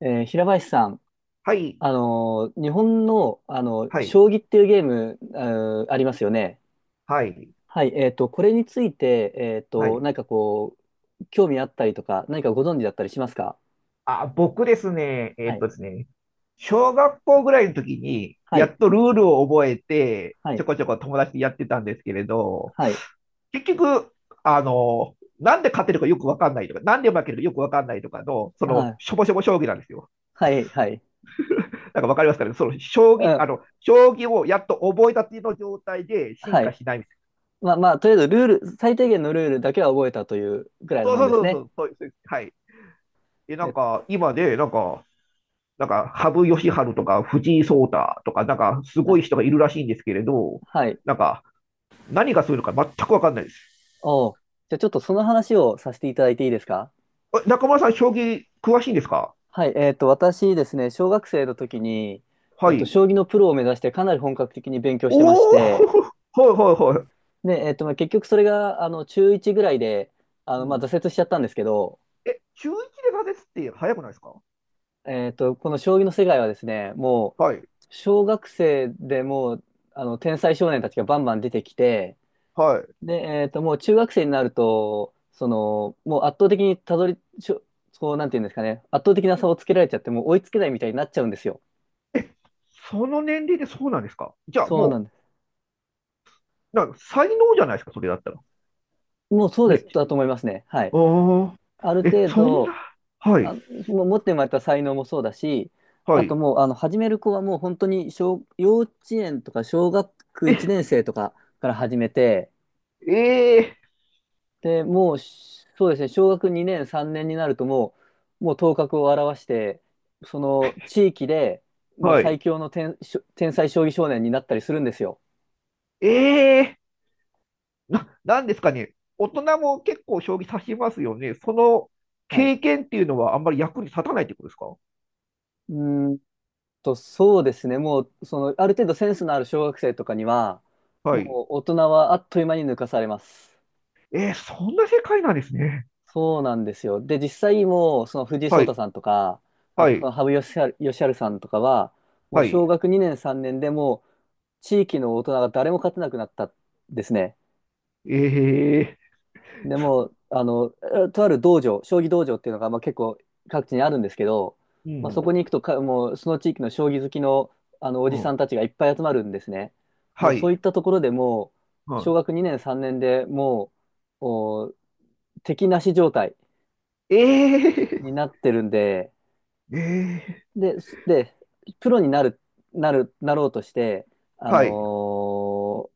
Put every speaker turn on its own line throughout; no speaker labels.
平林さん、
はい、
日本の、あの
はい、
将棋っていうゲーム、ありますよね。
はい、
はい、これについて、
はい。
何かこう、興味あったりとか、何かご存知だったりしますか？
あ、僕ですね、
はい、
小学校ぐらいの時に、
は
や
い、
っとルールを覚えて、
は
ちょ
い、
こちょこ友達とやってたんですけれど、
はい、
結局、なんで勝てるかよくわかんないとか、なんで負けるかよくわかんないとかの、そ
は
の、
い、
しょぼしょぼ将棋なんですよ。
はい、はい、
なんかわかりますかね、その、将
う
棋、
ん、
将棋をやっと覚えたての状態で進
は
化
い。
しないみたいな。
まあまあ、とりあえずルール、最低限のルールだけは覚えたというぐらいの
そう
もん
そう
です
そうそ
ね。
う、そうです、はい。え、なん
え、
か、今で、なんか、なんか、羽生善治とか藤井聡太とか、なんか、す
は
ご
い、
い人がいるらしいんですけれど、
はい。
なんか、何がするのか全くわかんないです。
おう、じゃあちょっとその話をさせていただいていいですか？
え、中村さん、将棋詳しいんですか？
はい、私ですね、小学生の時に、
はい。
将棋のプロを目指してかなり本格的に勉強してまし
おお、
て、
はいはいはい。
で、えっと、まあ、結局それが、あの、中1ぐらいで、あ
う
の、まあ、
ん。
挫折しちゃったんですけど、
え、中1で挫折って早くないですか？
この将棋の世界はですね、もう、
はい、
小学生でもう、あの、天才少年たちがバンバン出てきて、
はい。
で、えっと、もう中学生になると、その、もう圧倒的にたどり、しょこう、なんていうんですかね、圧倒的な差をつけられちゃって、もう追いつけないみたいになっちゃうんですよ。
え、その年齢でそうなんですか？じゃあ
そうな
も
んです。
う、なんか才能じゃないですか、それだったら。
もうそうで
ね。
す、だと思いますね。はい。
おー。
ある
え、
程
そんな。
度、
はい、
あ、もう持って生まれた才能もそうだし、
は
あと
い。
もう、あの、始める子はもう本当に幼稚園とか小学
え、
1年生とかから始めて、
え
で、もう、そうですね、小学2年、3年になるともう頭角を現して、その地域で
ー、
もう
は
最
い。
強の天、天才将棋少年になったりするんですよ。
えー、な、なんですかね、大人も結構将棋指しますよね。その
はい。
経験っていうのはあんまり役に立たないってことですか？
うん、と、そうですね。もう、その、ある程度センスのある小学生とかには、
は
もう
い。
大人はあっという間に抜かされます。
えー、そんな世界なんですね。
そうなんですよ。で、実際もう、その藤井聡
は
太
い、
さんとか、あ
は
と
い、
羽生善治さんとかは、もう
は
小
い。
学2年3年でもう、地域の大人が誰も勝てなくなったんですね。
え
でも、あの、とある道場、将棋道場っていうのが、まあ、結構各地にあるんですけど、
ー、う
まあ、
ん、
そこに行くとか、もうその地域の将棋好きの、あのお
う
じさん
ん、
たちがいっぱい集まるんですね。もう
は
そう
い、
いったところでもう、小
は
学2年、3年でもう、敵なし状態
い。え
になってるんで、
ー、えー、
で、すで、プロになる、なる、なろうとして、
はい、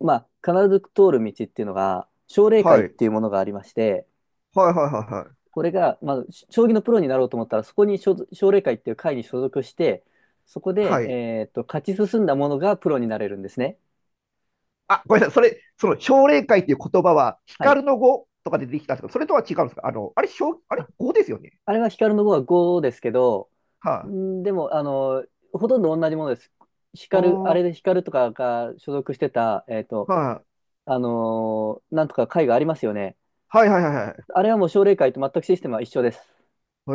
まあ、必ず通る道っていうのが、奨励会
は
っ
い、
ていうものがありまして、
はい、はい、はい、
これが、まあ、将棋のプロになろうと思ったら、そこに所属奨励会っていう会に所属して、そこで、
はい。
勝ち進んだものがプロになれるんですね。
あ、ごめんなさい。それ、その奨励会っていう言葉は、
はい。
光の語とかでできたんですけど、それとは違うんですか？あれ、奨あれ、
あ、
語ですよね。
あれは光の碁は5ですけど、
はい、
んでも、あの、ほとんど同じものです。光、あ
お
れ
ー、
で光とかが所属してた、
はい、
なんとか会がありますよね。
はいはいはいは
あれはもう奨励会と全くシステムは一緒です。
い。へ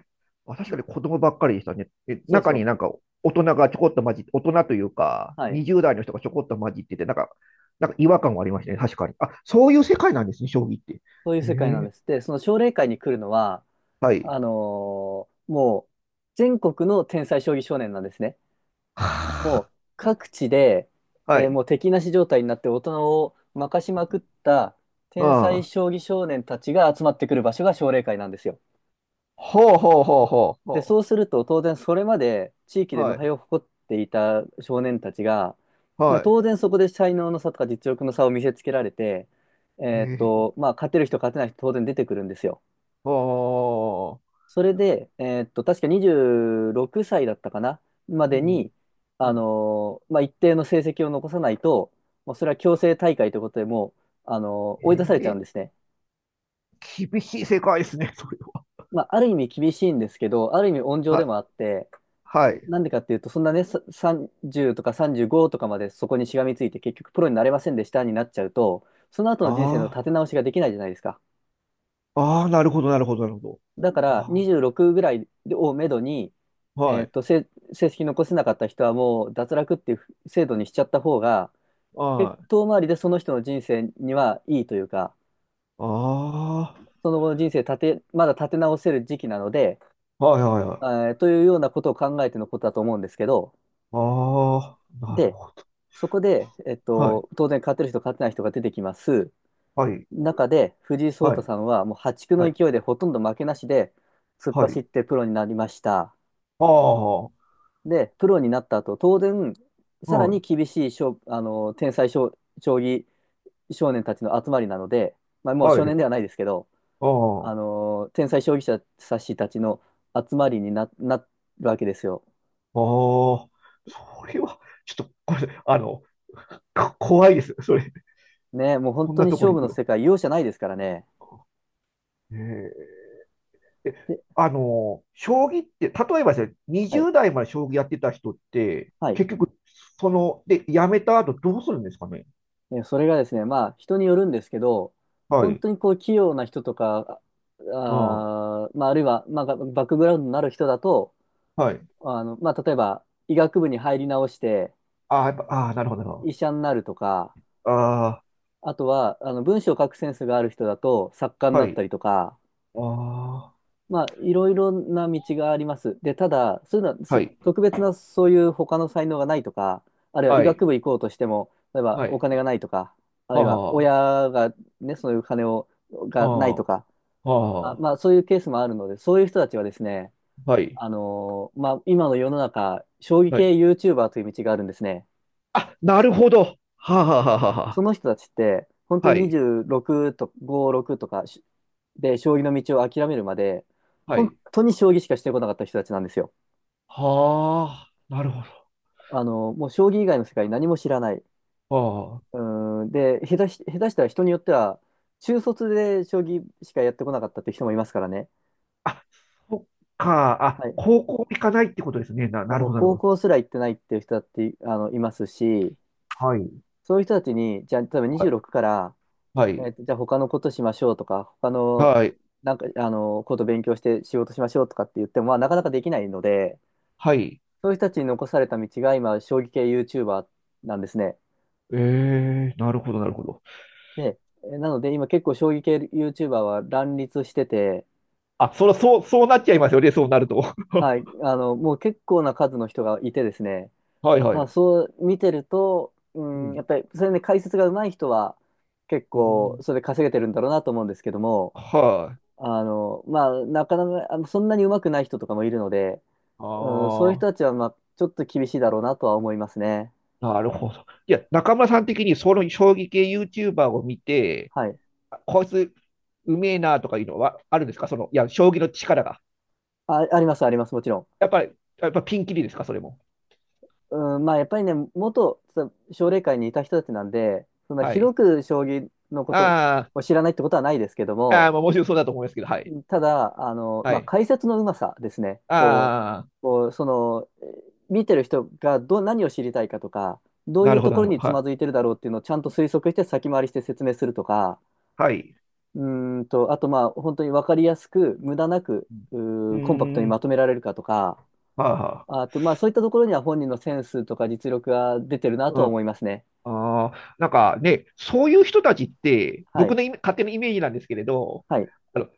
え。あ、確かに子供ばっかりでしたね。え、
そう
中
そ
になん
う。
か大人がちょこっと混じって、大人というか、
はい。
20代の人がちょこっと混じってて、なんか、なんか違和感がありましたね。確かに。あ、そういう世界なんですね、将棋って。
そういう
へ
世界なんで
え。
す。で、その奨励会に来るのは、
はい。
もう、全国の天才将棋少年なんですね。も
は
う、各地で、
あ、はい。
もう敵なし状態になって大人を負かしまくった
う
天才
ん。
将棋少年たちが集まってくる場所が奨励会なんですよ。
ほうほうほうほう
で、
ほ
そうすると当然それまで地域
う。
で無
はい。
敗を誇っていた少年たちが、まあ
は
当然そこで才能の差とか実力の差を見せつけられて、
い。へえ。
まあ、勝てる人勝てない人当然出てくるんですよ。
はあ。
それで、確か26歳だったかな、ま
う
でに、
ん。うん。
まあ、一定の成績を残さないと、もうそれは強制大会ということでもう、追い出さ
え
れちゃうん
え。
ですね。
厳しい世界ですね、それは。
まあ、ある意味厳しいんですけど、ある意味温情
は
で
い。
もあって、
はい。
なんでかっていうと、そんなね、30とか35とかまでそこにしがみついて、結局プロになれませんでしたになっちゃうと、その後の人生の
あ
立て
あ。
直しができないじゃないですか。
ああ、なるほど、なるほど、なるほど。
だから
あ
26ぐらいをめどに、
あ、
えー
は
っ
い。
と、せ成績残せなかった人はもう脱落っていう制度にしちゃった方が、
はい。
遠回りでその人の人生にはいいというか、
ああ、
その後の人生立て、まだ立て直せる時期なので、
はい、はい、はい。
というようなことを考えてのことだと思うんですけど、
ああ、なる
で、
ほど。
そこで、
はい。
当然勝てる人勝てない人が出てきます。
はい。
中で藤井聡
は
太
い。
さんはもう破竹
は
の
い。
勢いでほとんど負けなしで突っ
は
走
い。
ってプロになりました。
ああ、は
で、プロになった後、当然、さらに
い。
厳しい勝あの、天才将、将棋少年たちの集まりなので、まあ、もう
は
少年
い。
ではないですけど、
あ
あの、天才将棋者さしたちの集まりにな、なるわけですよ。
あ、ああ、それは、ちょっと、これ、こ怖いです。それ、
ね、もう本
こん
当
な
に
とこ
勝
ろ
負
に行
の
くの。
世界、容赦ないですからね。
ええ、え、
で、
将棋って、例えばですね、
はい、
20代まで将棋やってた人って、
はい。
結局、その、で、やめた後どうするんですかね。
それがですね、まあ、人によるんですけど、
は
本
い。
当にこう、器用な人とか、
うん。
まあ、あるいは、まあ、バックグラウンドのある人だと、
はい。
あの、まあ、例えば、医学部に入り直して、
ああ、やっぱ、ああ、なるほど、なるほ
医者になるとか、
ど。あ
あとは、あの、文章を書くセンスがある人だと作家に
あ、
な
は
った
い。
りとか、
ああ、
まあ、いろいろな道があります。で、ただ、そういうのは、
はい。
特別なそういう他の才能がないとか、あるいは医
はい。
学部行こうとしても、例えば
は
お
い。
金がないとか、あるいは
は
親がね、そういう金を、がない
あ、ああ、
とか、
あ
まあ、そういうケースもあるので、そういう人たちはですね、
あ、はい。
まあ、今の世の中、将棋
は
系
い。
YouTuber という道があるんですね。
あ、なるほど。はあ、はあ、はあ、は
その人たちって、本
あ。
当
は
に
い。
26と5、6とかで、将棋の道を諦めるまで、
は
本
い。
当に将棋しかしてこなかった人たちなんですよ。
はあ、なるほ
あの、もう将棋以外の世界何も知らない。
ど。あ
うーん、で、下手したら人によっては、中卒で将棋しかやってこなかったっていう人もいますからね。
あ。あ、そっか。あ、
はい。
高校行かないってことですね。な、
で
なる
もう
ほど、なる
高
ほど。
校すら行ってないっていう人だって、あの、いますし、
はい。
そういう人たちに、じゃあ、例えば
はい。
26からじゃあ他のことしましょうとか、他の、
はい。
なんか、あの、こと勉強して仕事しましょうとかって言っても、まあ、なかなかできないので、
はい。
そういう人たちに残された道が今、将棋系 YouTuber なんですね。
ええー、なるほど、なるほど。
で、なので今結構将棋系 YouTuber は乱立してて、
あ、そら、そう、そうなっちゃいますよね。そうなると。
はい、あの、もう結構な数の人がいてですね、
はい、は
ま
い。
あ、そう見てると、う
う
ん、やっ
ん、
ぱり、それで解説が上手い人は、結
う
構、
ん、
それで稼げてるんだろうなと思うんですけども、
はい、
あの、まあ、なかなか、あの、そんなに上手くない人とかもいるので、
あ
うん、そういう
あ、
人たちは、まあ、ちょっと厳しいだろうなとは思いますね。
なるほど。いや、中村さん的にその将棋系 YouTuber を見て、
はい。
あ、こいつうめえなとかいうのはあるんですか？その、いや、将棋の力が。
あ、あります、あります、もちろ
やっぱり、やっぱピンキリですか、それも。
ん。うん、まあ、やっぱりね、元奨励会にいた人たちなんで、そんな
は
ひど
い。
く将棋のこと
あ
を知らないってことはないですけど
あ、あ
も、
あ、まあ、もちろんそうだと思いますけど、はい。
ただ、あの、
は
まあ、
い。
解説のうまさですね。こう、
ああ、
こう、その、見てる人がど、何を知りたいかとか、どうい
な
う
るほ
と
ど、
こ
な
ろ
るほど。
につ
は
まずい
い。
てるだろうっていうのをちゃんと推測して先回りして説明するとか、
はい。
うーんと、あとまあ、本当に分かりやすく、無駄なく、
うん。う
コンパクト
ー
に
ん、
まとめられるかとか、
はあ、は
あとまあ、そういったところには本人のセンスとか実力が出てるなと
あ、う
は
ん。
思いますね。
ああ、なんかね、そういう人たちって、
は
僕
い。
のイメ勝手なイメージなんですけれど、
はい。
あの、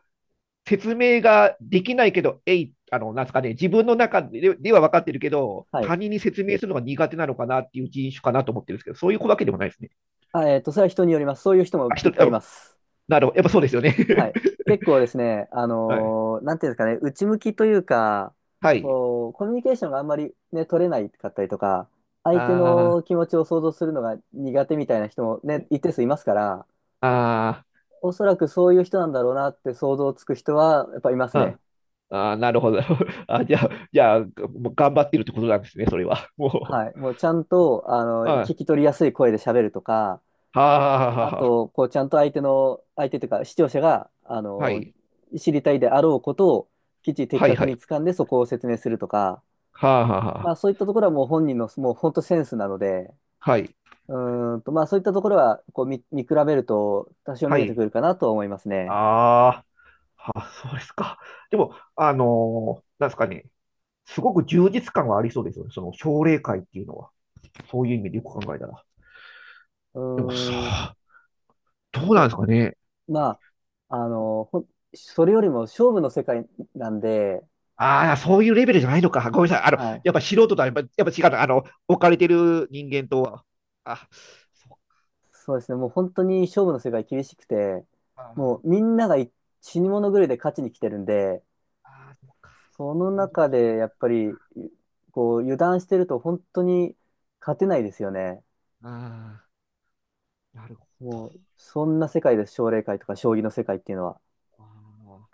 説明ができないけど、えい、なんですかね、自分の中ででは分かってるけど、
はい。
他人に説明するのが苦手なのかなっていう人種かなと思ってるんですけど、そういうわけでもないですね。
あ、それは人によります。そういう人
あ、
もい
一
っ
人、
ぱいい
あ、
ます。
なるほど、やっぱそうですよね。
はい。結構ですね、
はい。
なんていうんですかね、内向きというか、
はい。
こう、コミュニケーションがあんまりね、取れないかったりとか、
あ
相手の気
ー、
持ちを想像するのが苦手みたいな人もね、一定数いますから、
あ
おそらくそういう人なんだろうなって想像つく人はやっぱいます
ー、う
ね。
ん。あー、なるほど。あ、じゃあ、じゃあ、もう頑張ってるってことなんですね、それは。も
はい。もうちゃんと、あの、
う。はい。
聞
は
き取りやすい声で喋るとか、
あ、はあ、
あ
は
と、こう、ちゃんと相手というか、視聴者が、あ
あ。は
の、
い。
知りたいであろうことを、きっちり的
はい、
確
は
に
い。
掴んでそこを説明するとか、
はあ、はあ、は
ま
あ。
あそういったところはもう本人の、もう本当センスなので、
はい。
うーんと、まあそういったところは、見比べると多少見
は
えてく
い。
るかなとは思いますね。
ああ。あ、そうですか。でも、あのー、なんですかね、すごく充実感はありそうですよね。その奨励会っていうのは、そういう意味でよく考えたら。
う
でも
ーん、
さ、どうなんで
そ
すかね。
う。まあ、それよりも勝負の世界なんで、
ああ、そういうレベルじゃないのか。ごめんなさい。
はい。
やっぱ素人とはやっぱ、やっぱ違うの。あの、置かれてる人間とは。あ、そっ
そうですね。もう本当に勝負の世界厳しくて、も
か。
うみんながい死に物狂いで勝ちに来てるんで、
ああ、そっか。
その
それどこ
中
ろじゃな
で
い。
やっぱり、こう、油断してると本当に勝てないですよね。
ああ、なるほど。
もう、そんな世界です。奨励会とか将棋の世界っていうのは。
ああ。